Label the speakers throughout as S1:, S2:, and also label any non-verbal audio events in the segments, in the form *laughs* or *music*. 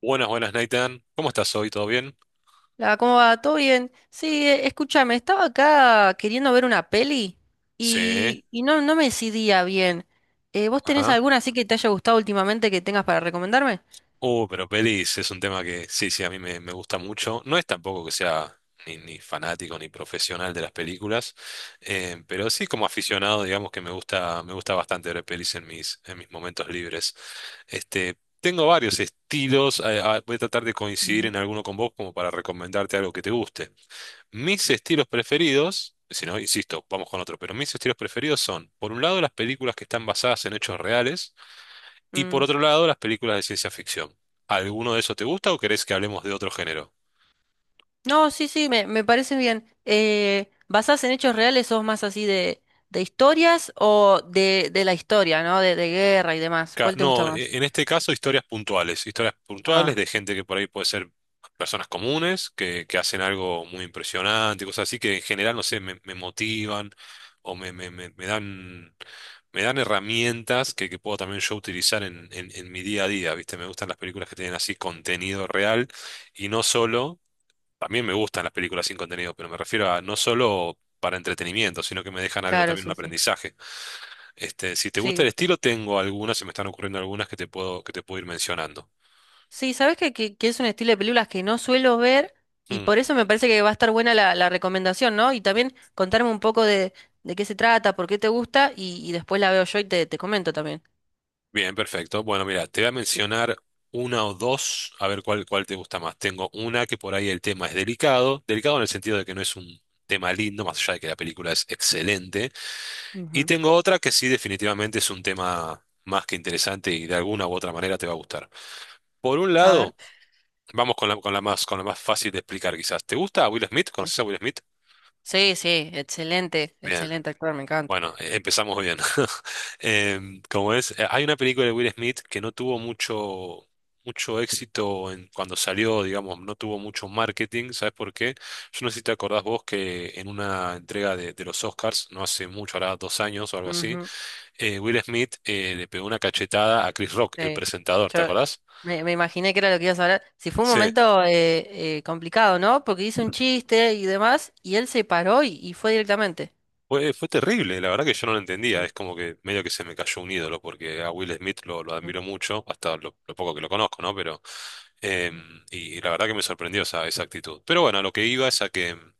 S1: Buenas, buenas, Nathan. ¿Cómo estás hoy? ¿Todo bien?
S2: ¿Cómo va? ¿Todo bien? Sí, escúchame, estaba acá queriendo ver una peli
S1: Sí.
S2: y no me decidía bien. ¿Vos tenés
S1: Ajá.
S2: alguna así que te haya gustado últimamente que tengas para recomendarme?
S1: Pero pelis es un tema que sí, a mí me gusta mucho. No es tampoco que sea ni fanático ni profesional de las películas, pero sí como aficionado, digamos que me gusta bastante ver pelis en mis momentos libres. Este, tengo varios estilos. Voy a tratar de coincidir
S2: Ujú.
S1: en alguno con vos como para recomendarte algo que te guste. Mis estilos preferidos, si no, insisto, vamos con otro, pero mis estilos preferidos son, por un lado, las películas que están basadas en hechos reales y, por
S2: Mm,
S1: otro lado, las películas de ciencia ficción. ¿Alguno de esos te gusta o querés que hablemos de otro género?
S2: No, sí, sí, me parece bien. ¿Basás en hechos reales sos más así de historias o de la historia, ¿no? De guerra y demás. ¿Cuál te gusta
S1: No,
S2: más?
S1: en este caso historias puntuales
S2: Ah,
S1: de gente que por ahí puede ser personas comunes, que hacen algo muy impresionante, cosas así que en general, no sé, me motivan o me dan herramientas que puedo también yo utilizar en, en mi día a día, ¿viste? Me gustan las películas que tienen así contenido real y no solo, también me gustan las películas sin contenido, pero me refiero a no solo para entretenimiento, sino que me dejan algo
S2: claro,
S1: también, un
S2: sí, sí.
S1: aprendizaje. Este, si te gusta
S2: Sí.
S1: el
S2: Sí.
S1: estilo, tengo algunas, se me están ocurriendo algunas que te puedo ir mencionando.
S2: Sí, sabes que es un estilo de películas que no suelo ver y
S1: Mm,
S2: por eso me parece que va a estar buena la recomendación, ¿no? Y también contarme un poco de qué se trata, por qué te gusta y después la veo yo y te comento también.
S1: bien, perfecto. Bueno, mira, te voy a mencionar una o dos, a ver cuál, cuál te gusta más. Tengo una que por ahí el tema es delicado, delicado en el sentido de que no es un tema lindo, más allá de que la película es excelente. Y
S2: Ujú.
S1: tengo otra que sí, definitivamente es un tema más que interesante y de alguna u otra manera te va a gustar. Por un
S2: A ver.
S1: lado, vamos con la más fácil de explicar quizás. ¿Te gusta Will Smith?
S2: Sí,
S1: ¿Conoces a Will Smith?
S2: sí, sí, excelente,
S1: Bien.
S2: excelente actor, me encanta.
S1: Bueno, empezamos bien. *laughs* Hay una película de Will Smith que no tuvo mucho, mucho éxito en, cuando salió, digamos, no tuvo mucho marketing. ¿Sabes por qué? Yo no sé si te acordás vos que en una entrega de los Oscars, no hace mucho, ahora dos años o algo así,
S2: Ujú.
S1: Will Smith le pegó una cachetada a Chris Rock, el
S2: Sí.
S1: presentador, ¿te
S2: Yo
S1: acordás?
S2: me imaginé que era lo que ibas a hablar. Si fue un
S1: Sí.
S2: momento complicado, ¿no? Porque hizo un chiste y demás y él se paró y fue directamente.
S1: Fue, fue terrible, la verdad que yo no lo entendía,
S2: Sí.
S1: es como que medio que se me cayó un ídolo, porque a Will Smith lo
S2: Mm.
S1: admiro mucho, hasta lo poco que lo conozco, ¿no? Pero, eh, y la verdad que me sorprendió esa, esa actitud. Pero bueno, lo que iba es a que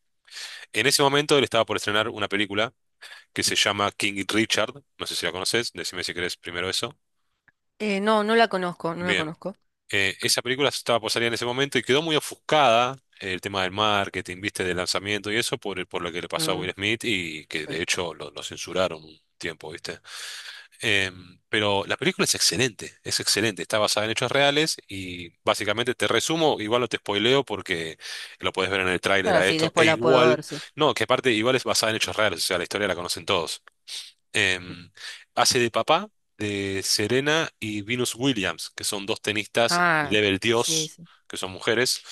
S1: en ese momento él estaba por estrenar una película que se llama King Richard, no sé si la conoces, decime si querés primero eso.
S2: No, no la conozco, no la
S1: Bien,
S2: conozco.
S1: esa película estaba por salir en ese momento y quedó muy ofuscada. El tema del marketing, viste, del lanzamiento y eso por lo que le pasó a
S2: Mm,
S1: Will Smith y que
S2: sí.
S1: de hecho lo censuraron un tiempo, ¿viste? Pero la película es excelente, está basada en hechos reales y básicamente te resumo, igual no te spoileo porque lo puedes ver en el tráiler
S2: Ah
S1: a
S2: sí,
S1: esto, e
S2: después la puedo
S1: igual,
S2: ver, sí.
S1: no, que aparte igual es basada en hechos reales, o sea, la historia la conocen todos. Em, Hace de papá de Serena y Venus Williams, que son dos tenistas
S2: Ah,
S1: level
S2: sí,
S1: Dios,
S2: sí.
S1: que son mujeres.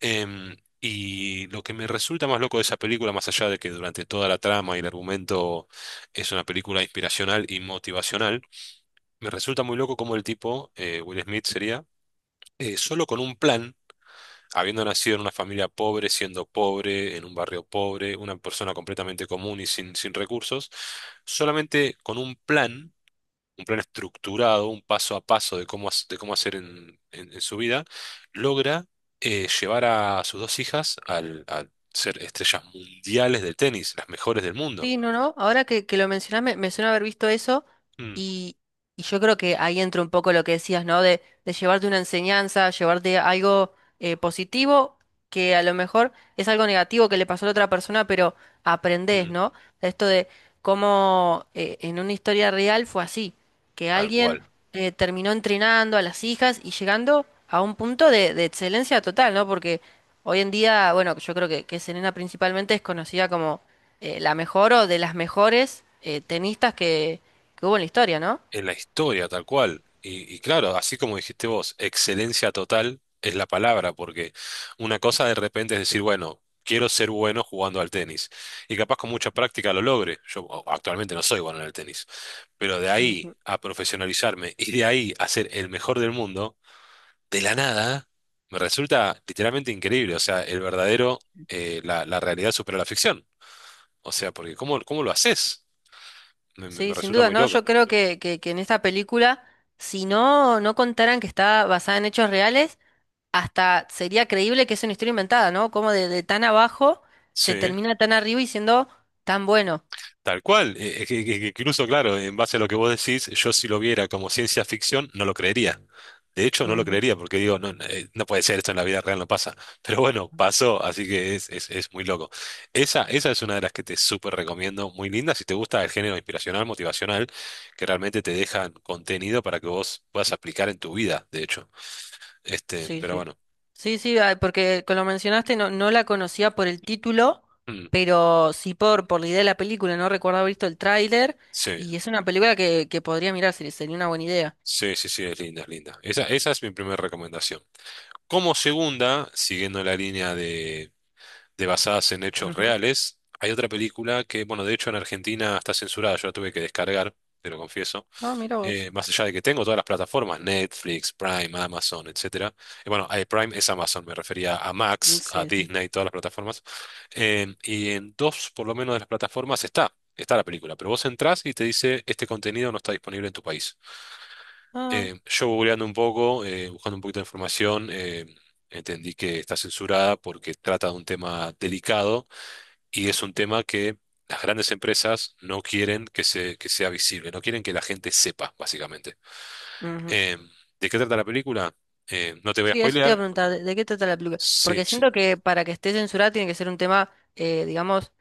S1: Y lo que me resulta más loco de esa película, más allá de que durante toda la trama y el argumento es una película inspiracional y motivacional, me resulta muy loco cómo el tipo, Will Smith sería, solo con un plan, habiendo nacido en una familia pobre, siendo pobre, en un barrio pobre, una persona completamente común y sin, sin recursos, solamente con un plan estructurado, un paso a paso de cómo, de cómo hacer en, en su vida, logra llevar a sus dos hijas al, a ser estrellas mundiales del tenis, las mejores del mundo.
S2: Sí, no, no. Ahora que lo mencionás, me suena haber visto eso
S1: Mm,
S2: y, y yo creo que ahí entra un poco lo que decías, ¿no? De llevarte una enseñanza, llevarte algo positivo, que a lo mejor es algo negativo que le pasó a la otra persona, pero aprendés,
S1: mm,
S2: ¿no? Esto de cómo en una historia real fue así, que
S1: tal
S2: alguien
S1: cual.
S2: terminó entrenando a las hijas y llegando a un punto de excelencia total, ¿no? Porque hoy en día, bueno, yo creo que Serena principalmente es conocida como la mejor o de las mejores tenistas que hubo en la historia, ¿no?
S1: En la historia, tal cual. Y claro, así como dijiste vos, excelencia total es la palabra, porque una cosa de repente es decir, bueno, quiero ser bueno jugando al tenis. Y capaz con mucha práctica lo logre. Actualmente no soy bueno en el tenis, pero de ahí
S2: Ujú.
S1: a profesionalizarme y de ahí a ser el mejor del mundo, de la nada, me resulta literalmente increíble. O sea, el verdadero, la, la realidad supera la ficción. O sea, porque ¿cómo, cómo lo haces? Me
S2: Sí, sin
S1: resulta
S2: dudas,
S1: muy
S2: ¿no?
S1: loco.
S2: Yo creo que en esta película, si no contaran que está basada en hechos reales, hasta sería creíble que es una historia inventada, ¿no? Como de tan abajo se
S1: Sí.
S2: termina tan arriba y siendo tan bueno.
S1: Tal cual, que incluso, claro, en base a lo que vos decís, yo si lo viera como ciencia ficción, no lo creería. De hecho, no lo
S2: Ujú.
S1: creería porque digo, no, no, no puede ser, esto en la vida real no pasa. Pero bueno, pasó, así que es muy loco. Esa es una de las que te súper recomiendo, muy linda, si te gusta el género inspiracional, motivacional, que realmente te dejan contenido para que vos puedas aplicar en tu vida, de hecho. Este,
S2: Sí,
S1: pero
S2: sí.
S1: bueno,
S2: Sí, sí, ah, porque como lo mencionaste, no la conocía por el título,
S1: mm,
S2: pero sí por la idea de la película. No recuerdo haber visto el tráiler
S1: sí,
S2: y es una película que podría mirar, sería una buena idea.
S1: sí, sí, sí, es linda, es linda. Esa es mi primera recomendación. Como segunda, siguiendo la línea de basadas en hechos
S2: Ujú.
S1: reales. Hay otra película que, bueno, de hecho en Argentina está censurada, yo la tuve que descargar, te lo confieso.
S2: Ah, mira vos.
S1: Más allá de que tengo todas las plataformas, Netflix, Prime, Amazon, etcétera. Bueno, Prime es Amazon, me refería a
S2: Mm,
S1: Max, a
S2: Sí. Sí.
S1: Disney, todas las plataformas. Y en dos, por lo menos, de las plataformas está. Está la película, pero vos entrás y te dice este contenido no está disponible en tu país.
S2: Ah,
S1: Yo googleando un poco, buscando un poquito de información, entendí que está censurada porque trata de un tema delicado y es un tema que las grandes empresas no quieren que, se, que sea visible, no quieren que la gente sepa, básicamente.
S2: ujú.
S1: Eh, ¿De qué trata la película? No te voy a
S2: Sí, eso te iba a
S1: spoilear.
S2: preguntar, ¿de qué trata la película?
S1: Sí,
S2: Porque
S1: sí,
S2: siento que para que esté censurada tiene que ser un tema, digamos,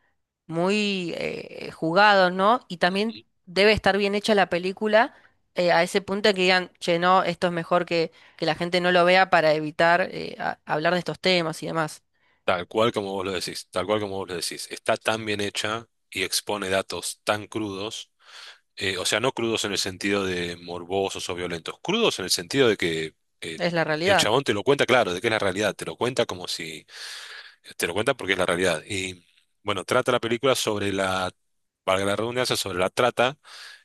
S2: muy jugados, ¿no? Y también debe estar bien hecha la película a ese punto de que digan, che, no, esto es mejor que la gente no lo vea para evitar hablar de estos temas y demás.
S1: tal cual como vos lo decís, tal cual como vos lo decís. Está tan bien hecha y expone datos tan crudos, o sea, no crudos en el sentido de morbosos o violentos, crudos en el sentido de que eh,
S2: Es la
S1: el
S2: realidad.
S1: chabón te lo cuenta claro, de que es la realidad, te lo cuenta como si te lo cuenta porque es la realidad. Y bueno, trata la película sobre la, valga la redundancia, sobre la trata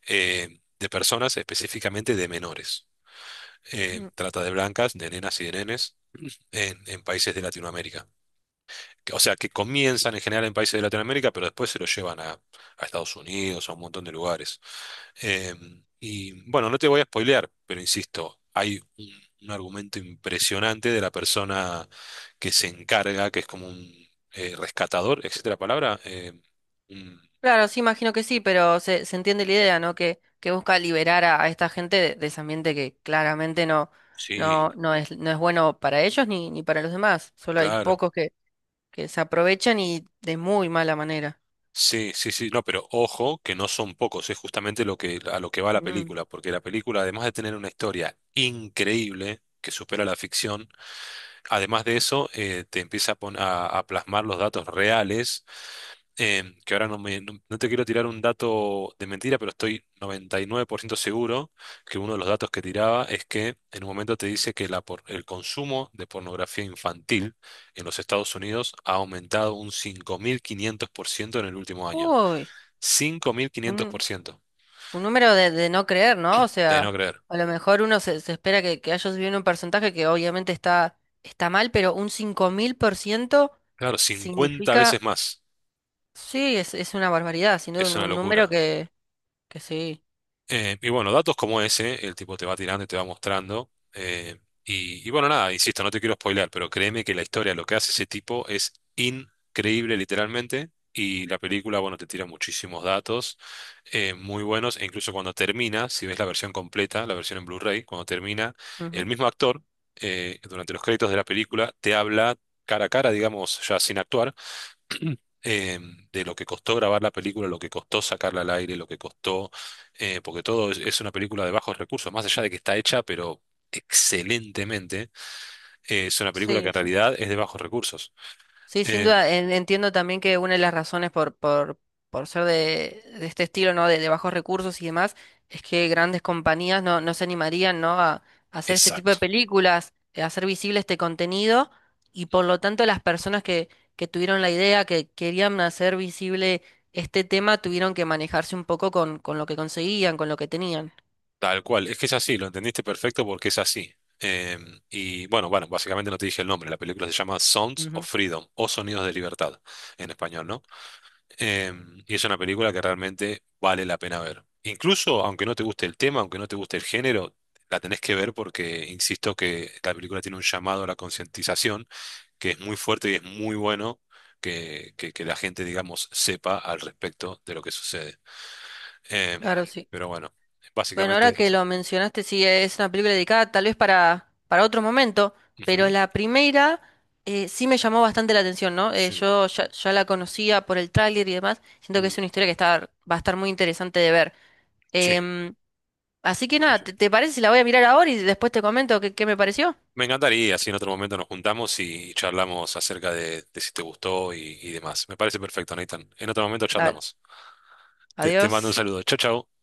S1: de personas, específicamente de menores.
S2: Mm,
S1: Trata de blancas, de nenas y de nenes en países de Latinoamérica. O sea, que comienzan en general en países de Latinoamérica, pero después se lo llevan a Estados Unidos, a un montón de lugares. Eh, y bueno, no te voy a spoilear, pero insisto, hay un argumento impresionante de la persona que se encarga, que es como un rescatador, etcétera, la palabra. Un-
S2: claro, sí, imagino que sí, pero se entiende la idea, ¿no? Que busca liberar a esta gente de ese ambiente que claramente no, no,
S1: sí,
S2: no es, no es bueno para ellos ni para los demás. Solo hay
S1: claro.
S2: pocos que se aprovechan y de muy mala manera.
S1: Sí, sí, sí, no, pero ojo que no son pocos, es justamente lo que, a lo que va la
S2: Mm.
S1: película, porque la película, además de tener una historia increíble que supera la ficción, además de eso, te empieza a, a plasmar los datos reales, que ahora no, no te quiero tirar un dato de mentira, pero estoy 99% seguro que uno de los datos que tiraba es que en un momento te dice que la el consumo de pornografía infantil en los Estados Unidos ha aumentado un 5.500% en el último año.
S2: Uy,
S1: 5.500%,
S2: un número de no creer, ¿no? O
S1: de no
S2: sea,
S1: creer.
S2: a lo mejor uno se espera que haya subido en un porcentaje que obviamente está mal, pero un 5.000%
S1: Claro, 50 veces
S2: significa,
S1: más.
S2: sí, es una barbaridad, sino
S1: Es
S2: un,
S1: una
S2: un número
S1: locura.
S2: que sí.
S1: Y bueno, datos como ese, el tipo te va tirando y te va mostrando. Y, y bueno, nada, insisto, no te quiero spoilear, pero créeme que la historia, lo que hace ese tipo es increíble literalmente. Y la película, bueno, te tira muchísimos datos muy buenos. E incluso cuando termina, si ves la versión completa, la versión en Blu-ray, cuando termina, el
S2: Ujú.
S1: mismo actor, durante los créditos de la película, te habla cara a cara, digamos, ya sin actuar eh, de lo que costó grabar la película, lo que costó sacarla al aire, lo que costó, porque todo es una película de bajos recursos, más allá de que está hecha, pero excelentemente, es una película que
S2: Sí,
S1: en
S2: sí.
S1: realidad es de bajos recursos.
S2: Sí, sin
S1: Eh,
S2: duda, entiendo también que una de las razones por ser de este estilo, ¿no? De bajos recursos y demás, es que grandes compañías no se animarían, ¿no? A hacer este tipo de
S1: exacto,
S2: películas, a hacer visible este contenido, y por lo tanto las personas que tuvieron la idea, que querían hacer visible este tema, tuvieron que manejarse un poco con lo que conseguían, con lo que tenían.
S1: tal cual, es que es así, lo entendiste perfecto porque es así. Eh, y bueno, bueno, básicamente no te dije el nombre, la película se llama Sounds of
S2: Ujú,
S1: Freedom o Sonidos de Libertad en español, ¿no? Y es una película que realmente vale la pena ver. Incluso aunque no te guste el tema, aunque no te guste el género, la tenés que ver porque insisto que la película tiene un llamado a la concientización que es muy fuerte y es muy bueno que, que la gente, digamos, sepa al respecto de lo que sucede. Em,
S2: claro, sí.
S1: pero bueno,
S2: Bueno, ahora
S1: básicamente
S2: que
S1: eso.
S2: lo mencionaste, sí, es una película dedicada tal vez para otro momento, pero
S1: Ujú.
S2: la primera sí me llamó bastante la atención, ¿no? Eh,
S1: Sí.
S2: yo ya la conocía por el tráiler y demás, siento que es
S1: Mm,
S2: una historia que está, va a estar muy interesante de ver.
S1: sí,
S2: Em, así que
S1: sí,
S2: nada, ¿te,
S1: sí.
S2: te parece si la voy a mirar ahora y después te comento qué, me pareció?
S1: Me encantaría si en otro momento nos juntamos y charlamos acerca de si te gustó y demás. Me parece perfecto, Nathan. En otro momento
S2: Dale,
S1: charlamos. Te mando un
S2: adiós.
S1: saludo. Chao, chao.